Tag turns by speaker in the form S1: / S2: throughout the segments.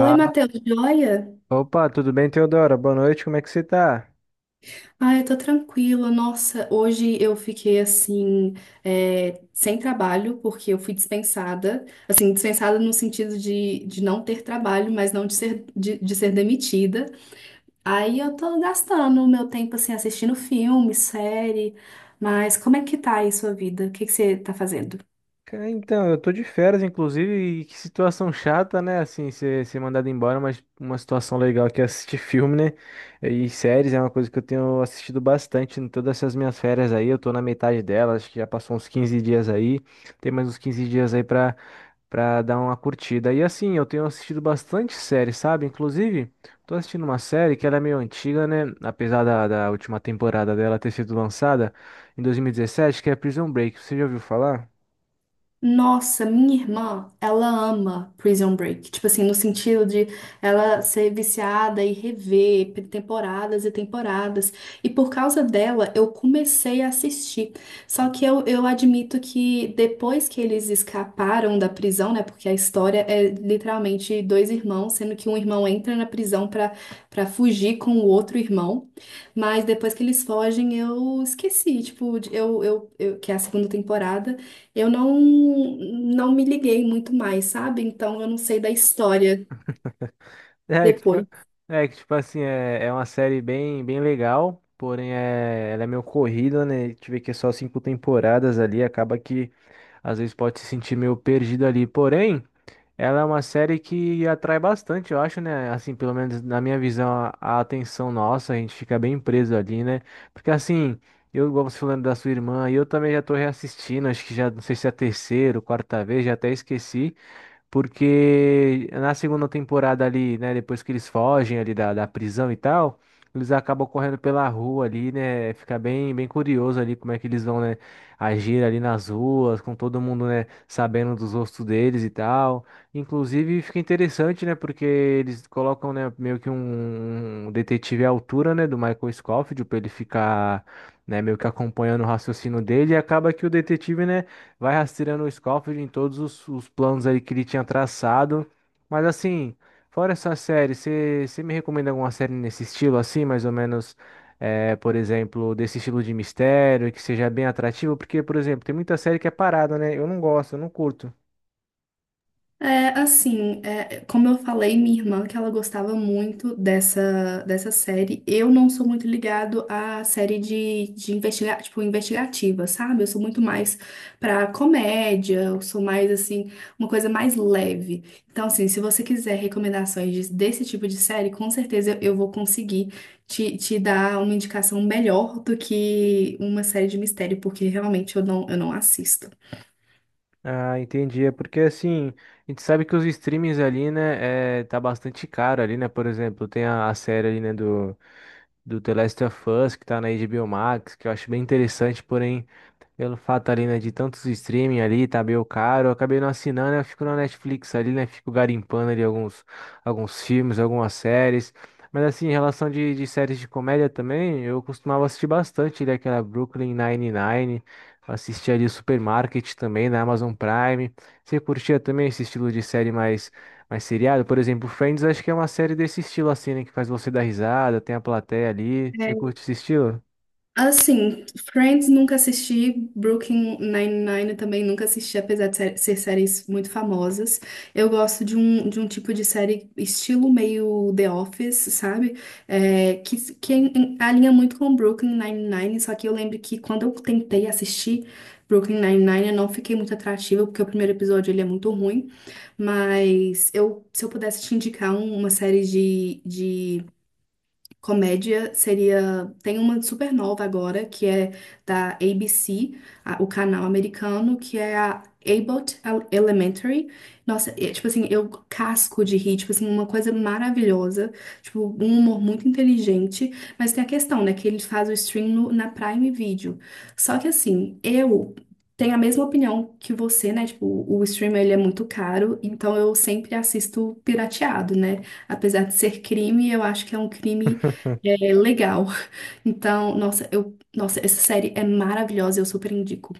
S1: Oi, Matheus, joia?
S2: opa, tudo bem, Teodora? Boa noite, como é que você tá?
S1: Ah, eu tô tranquila. Nossa, hoje eu fiquei assim, sem trabalho, porque eu fui dispensada. Assim, dispensada no sentido de não ter trabalho, mas não de ser, de ser demitida. Aí eu tô gastando o meu tempo, assim, assistindo filme, série. Mas como é que tá aí sua vida? O que que você tá fazendo?
S2: Cara, então, eu tô de férias, inclusive, e que situação chata, né? Assim, ser mandado embora, mas uma situação legal que é assistir filme, né? E séries é uma coisa que eu tenho assistido bastante em todas essas minhas férias aí. Eu tô na metade delas, acho que já passou uns 15 dias aí. Tem mais uns 15 dias aí pra dar uma curtida. E assim, eu tenho assistido bastante série, sabe? Inclusive, tô assistindo uma série que ela é meio antiga, né? Apesar da última temporada dela ter sido lançada em 2017, que é Prison Break. Você já ouviu falar?
S1: Nossa, minha irmã, ela ama Prison Break. Tipo assim, no sentido de ela ser viciada e rever temporadas e temporadas. E por causa dela, eu comecei a assistir. Só que eu admito que depois que eles escaparam da prisão, né? Porque a história é literalmente dois irmãos, sendo que um irmão entra na prisão pra fugir com o outro irmão. Mas depois que eles fogem, eu esqueci. Tipo, que é a segunda temporada. Eu não, Não me liguei muito mais, sabe? Então eu não sei da história
S2: É, que, tipo-
S1: depois.
S2: É, que tipo assim, é uma série bem, bem legal, porém é, ela é meio corrida, né? A gente vê que é só 5 temporadas ali, acaba que às vezes pode se sentir meio perdido ali. Porém. Ela é uma série que atrai bastante, eu acho, né? Assim, pelo menos na minha visão, a atenção nossa, a gente fica bem preso ali, né? Porque assim, eu, igual você falando da sua irmã, e eu também já tô reassistindo, acho que já, não sei se é a terceira ou quarta vez, já até esqueci porque na segunda temporada ali, né, depois que eles fogem ali da, prisão e tal, eles acabam correndo pela rua ali, né, fica bem, bem curioso ali como é que eles vão, né, agir ali nas ruas, com todo mundo, né, sabendo dos rostos deles e tal. Inclusive fica interessante, né, porque eles colocam, né, meio que um, detetive à altura, né, do Michael Scofield, pra ele ficar... Né, meio que acompanhando o raciocínio dele, e acaba que o detetive, né, vai rastreando o Scofield em todos os planos ali que ele tinha traçado. Mas assim, fora essa série, você me recomenda alguma série nesse estilo assim, mais ou menos, é, por exemplo, desse estilo de mistério, que seja bem atrativo? Porque, por exemplo, tem muita série que é parada, né? Eu não gosto, eu não curto.
S1: É, assim, é, como eu falei, minha irmã, que ela gostava muito dessa, dessa série, eu não sou muito ligado à série de investigativa, sabe? Eu sou muito mais pra comédia, eu sou mais, assim, uma coisa mais leve. Então, assim, se você quiser recomendações desse tipo de série, com certeza eu vou conseguir te dar uma indicação melhor do que uma série de mistério, porque realmente eu não assisto.
S2: Ah, entendi. É porque assim, a gente sabe que os streamings ali, né, é, tá bastante caro ali, né? Por exemplo, tem a, série ali, né, do The Last of Us, que tá na HBO Max, que eu acho bem interessante, porém, pelo fato ali, né, de tantos streaming ali, tá meio caro, eu acabei não assinando, eu fico na Netflix ali, né, fico garimpando ali alguns, filmes, algumas séries. Mas assim, em relação de séries de comédia também, eu costumava assistir bastante ali aquela Brooklyn Nine-Nine, assistia ali Supermarket também na Amazon Prime. Você curtia também esse estilo de série mais mas seriado, por exemplo, Friends, acho que é uma série desse estilo assim, né? Que faz você dar risada, tem a plateia ali. Você curte esse estilo?
S1: Assim, Friends nunca assisti, Brooklyn Nine-Nine também nunca assisti, apesar de ser séries muito famosas. Eu gosto de de um tipo de série estilo meio The Office, sabe? É, alinha muito com Brooklyn Nine-Nine, só que eu lembro que quando eu tentei assistir Brooklyn Nine-Nine, eu não fiquei muito atrativa, porque o primeiro episódio ele é muito ruim. Mas eu, se eu pudesse te indicar uma série de comédia seria. Tem uma super nova agora, que é da ABC, o canal americano, que é a Elementary. Nossa, é, tipo assim, eu casco de rir, tipo assim, uma coisa maravilhosa. Tipo, um humor muito inteligente. Mas tem a questão, né, que ele faz o stream na Prime Video. Só que assim, eu tenho a mesma opinião que você, né? Tipo, o stream ele é muito caro, então eu sempre assisto pirateado, né? Apesar de ser crime, eu acho que é um crime é legal. Então, nossa, essa série é maravilhosa, eu super indico.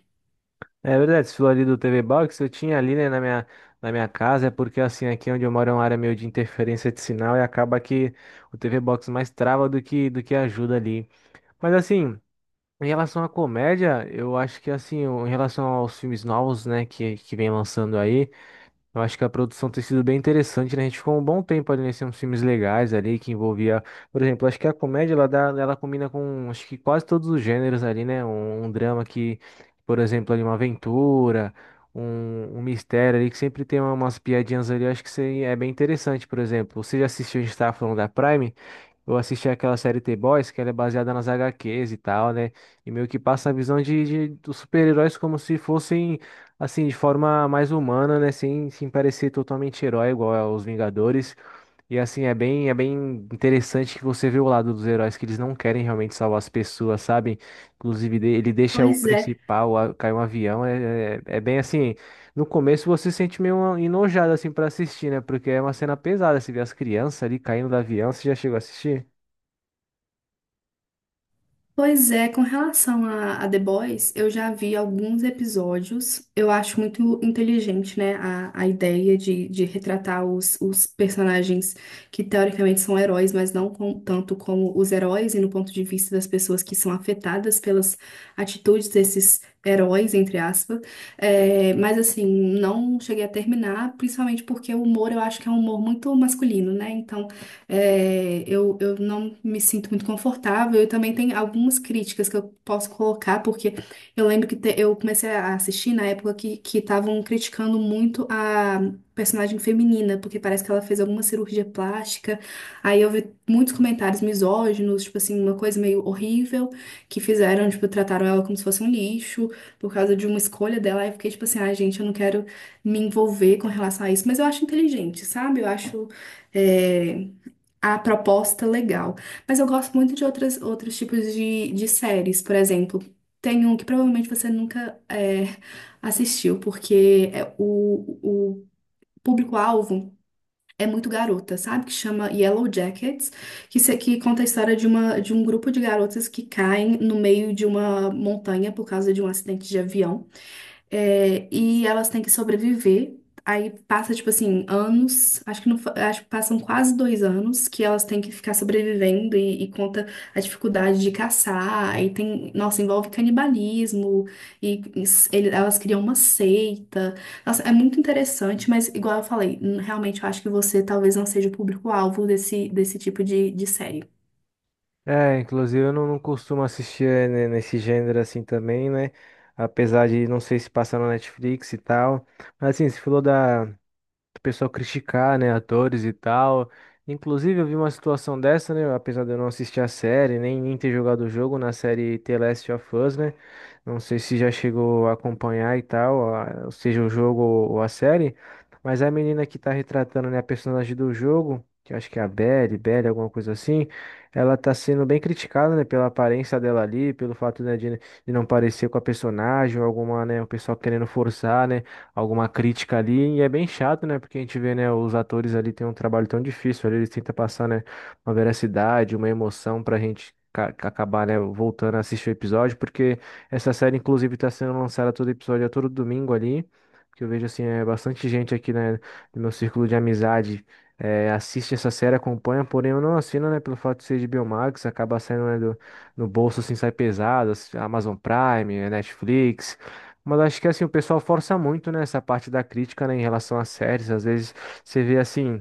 S2: É verdade, esse falou ali do TV Box, eu tinha ali, né, na minha, casa, é porque assim, aqui onde eu moro é uma área meio de interferência de sinal e acaba que o TV Box mais trava do que, ajuda ali. Mas assim, em relação à comédia, eu acho que assim, em relação aos filmes novos, né, que vem lançando aí, eu acho que a produção tem sido bem interessante, né? A gente ficou um bom tempo ali nesses filmes legais ali, que envolvia, por exemplo, acho que a comédia ela dá, ela combina com acho que quase todos os gêneros ali, né? um, drama que, por exemplo, ali uma aventura, um mistério ali, que sempre tem umas piadinhas ali, eu acho que isso aí é bem interessante, por exemplo. Você já assistiu, a gente estava falando da Prime, eu assisti aquela série The boys que ela é baseada nas HQs e tal, né? E meio que passa a visão dos super-heróis como se fossem. Assim, de forma mais humana, né? sem, parecer totalmente herói, igual aos Vingadores. E assim, é bem interessante que você vê o lado dos heróis, que eles não querem realmente salvar as pessoas, sabe? Inclusive, ele deixa o
S1: Pois é.
S2: principal, cair um avião. É bem assim. No começo você se sente meio enojado assim para assistir, né? Porque é uma cena pesada. Você vê as crianças ali caindo do avião, você já chegou a assistir?
S1: Pois é, com relação a The Boys, eu já vi alguns episódios. Eu acho muito inteligente, né, a ideia de retratar os personagens que teoricamente são heróis, mas não com- tanto como os heróis, e no ponto de vista das pessoas que são afetadas pelas atitudes desses heróis, entre aspas. É, mas assim, não cheguei a terminar, principalmente porque o humor eu acho que é um humor muito masculino, né? Então, é, eu não me sinto muito confortável. E também tem algumas críticas que eu posso colocar, porque eu lembro que eu comecei a assistir na época que estavam criticando muito a personagem feminina, porque parece que ela fez alguma cirurgia plástica. Aí eu vi muitos comentários misóginos, tipo assim, uma coisa meio horrível, que fizeram, tipo, trataram ela como se fosse um lixo por causa de uma escolha dela. Aí eu fiquei tipo assim, ai, gente, eu não quero me envolver com relação a isso, mas eu acho inteligente, sabe? Eu acho. É, a proposta legal. Mas eu gosto muito de outras, outros tipos de séries, por exemplo. Tem um que provavelmente você nunca assistiu, porque é o público-alvo é muito garota, sabe? Que chama Yellow Jackets, que, se- que conta a história de um grupo de garotas que caem no meio de uma montanha por causa de um acidente de avião. É, e elas têm que sobreviver. Aí passa, tipo assim, anos, acho que não, fa- acho que passam quase 2 anos que elas têm que ficar sobrevivendo e conta a dificuldade de caçar. Aí tem, nossa, envolve canibalismo elas criam uma seita. Nossa, é muito interessante, mas igual eu falei, realmente eu acho que você talvez não seja o público-alvo desse, desse tipo de série.
S2: É, inclusive eu não, costumo assistir nesse gênero assim também, né? Apesar de não sei se passa na Netflix e tal. Mas assim, você falou o pessoal criticar, né, atores e tal. Inclusive, eu vi uma situação dessa, né, apesar de eu não assistir a série, nem ter jogado o jogo na série The Last of Us, né? Não sei se já chegou a acompanhar e tal, ou seja, o jogo ou a série, mas a menina que tá retratando, né, a personagem do jogo, que eu acho que é a Belly, Belly, alguma coisa assim, ela tá sendo bem criticada, né, pela aparência dela ali, pelo fato, né, de não parecer com a personagem, ou alguma, né, o pessoal querendo forçar, né, alguma crítica ali, e é bem chato, né? Porque a gente vê, né, os atores ali têm um trabalho tão difícil, ali eles tentam passar, né, uma veracidade, uma emoção pra gente acabar, né, voltando a assistir o episódio, porque essa série, inclusive, tá sendo lançada todo episódio, a todo domingo ali, que eu vejo, assim, é bastante gente aqui, né, no meu círculo de amizade, assiste essa série, acompanha, porém eu não assino, né, pelo fato de ser de Biomax, acaba saindo, né, no bolso, assim, sai pesado, Amazon Prime, Netflix, mas acho que assim, o pessoal força muito, né, essa parte da crítica, né, em relação às séries. Às vezes você vê assim.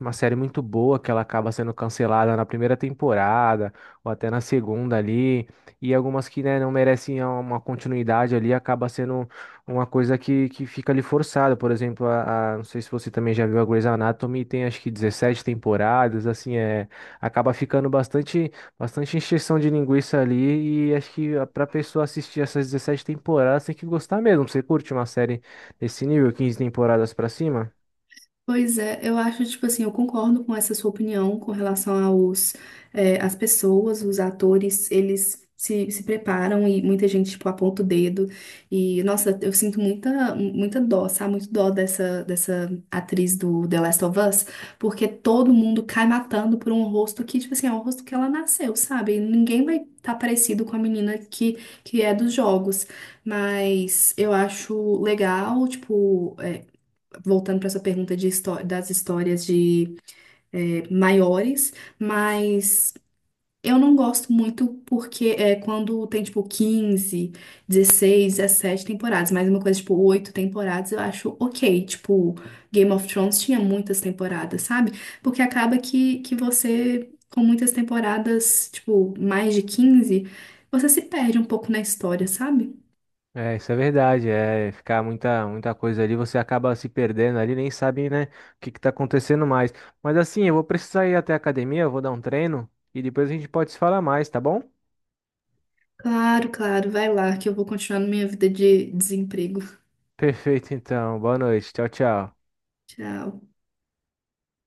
S2: Uma série muito boa que ela acaba sendo cancelada na primeira temporada ou até na segunda ali, e algumas que, né, não merecem uma continuidade ali, acaba sendo uma coisa que, fica ali forçada. Por exemplo, não sei se você também já viu a Grey's Anatomy, tem acho que 17 temporadas, assim, é, acaba ficando bastante, bastante encheção de linguiça ali, e acho que para pessoa assistir essas 17 temporadas tem que gostar mesmo. Você curte uma série desse nível, 15 temporadas para cima?
S1: Pois é, eu acho, tipo assim, eu concordo com essa sua opinião com relação as pessoas, os atores, eles se, se preparam e muita gente, tipo, aponta o dedo. E, nossa, eu sinto muita, muita dó, sabe? Muito dó dessa, dessa atriz do The Last of Us, porque todo mundo cai matando por um rosto que, tipo assim, é um rosto que ela nasceu, sabe? E ninguém vai estar parecido com a menina que é dos jogos. Mas eu acho legal, tipo. É, voltando para essa pergunta de das histórias de eh, maiores, mas eu não gosto muito porque é quando tem tipo 15, 16, 17 temporadas, mas uma coisa tipo 8 temporadas eu acho ok. Tipo, Game of Thrones tinha muitas temporadas, sabe? Porque acaba que você, com muitas temporadas, tipo, mais de 15, você se perde um pouco na história, sabe?
S2: É, isso é verdade, é ficar muita, muita coisa ali, você acaba se perdendo ali, nem sabe, né, o que que tá acontecendo mais. Mas assim, eu vou precisar ir até a academia, eu vou dar um treino e depois a gente pode se falar mais, tá bom?
S1: Claro, claro, vai lá que eu vou continuar na minha vida de desemprego.
S2: Perfeito, então. Boa noite. Tchau, tchau.
S1: Tchau.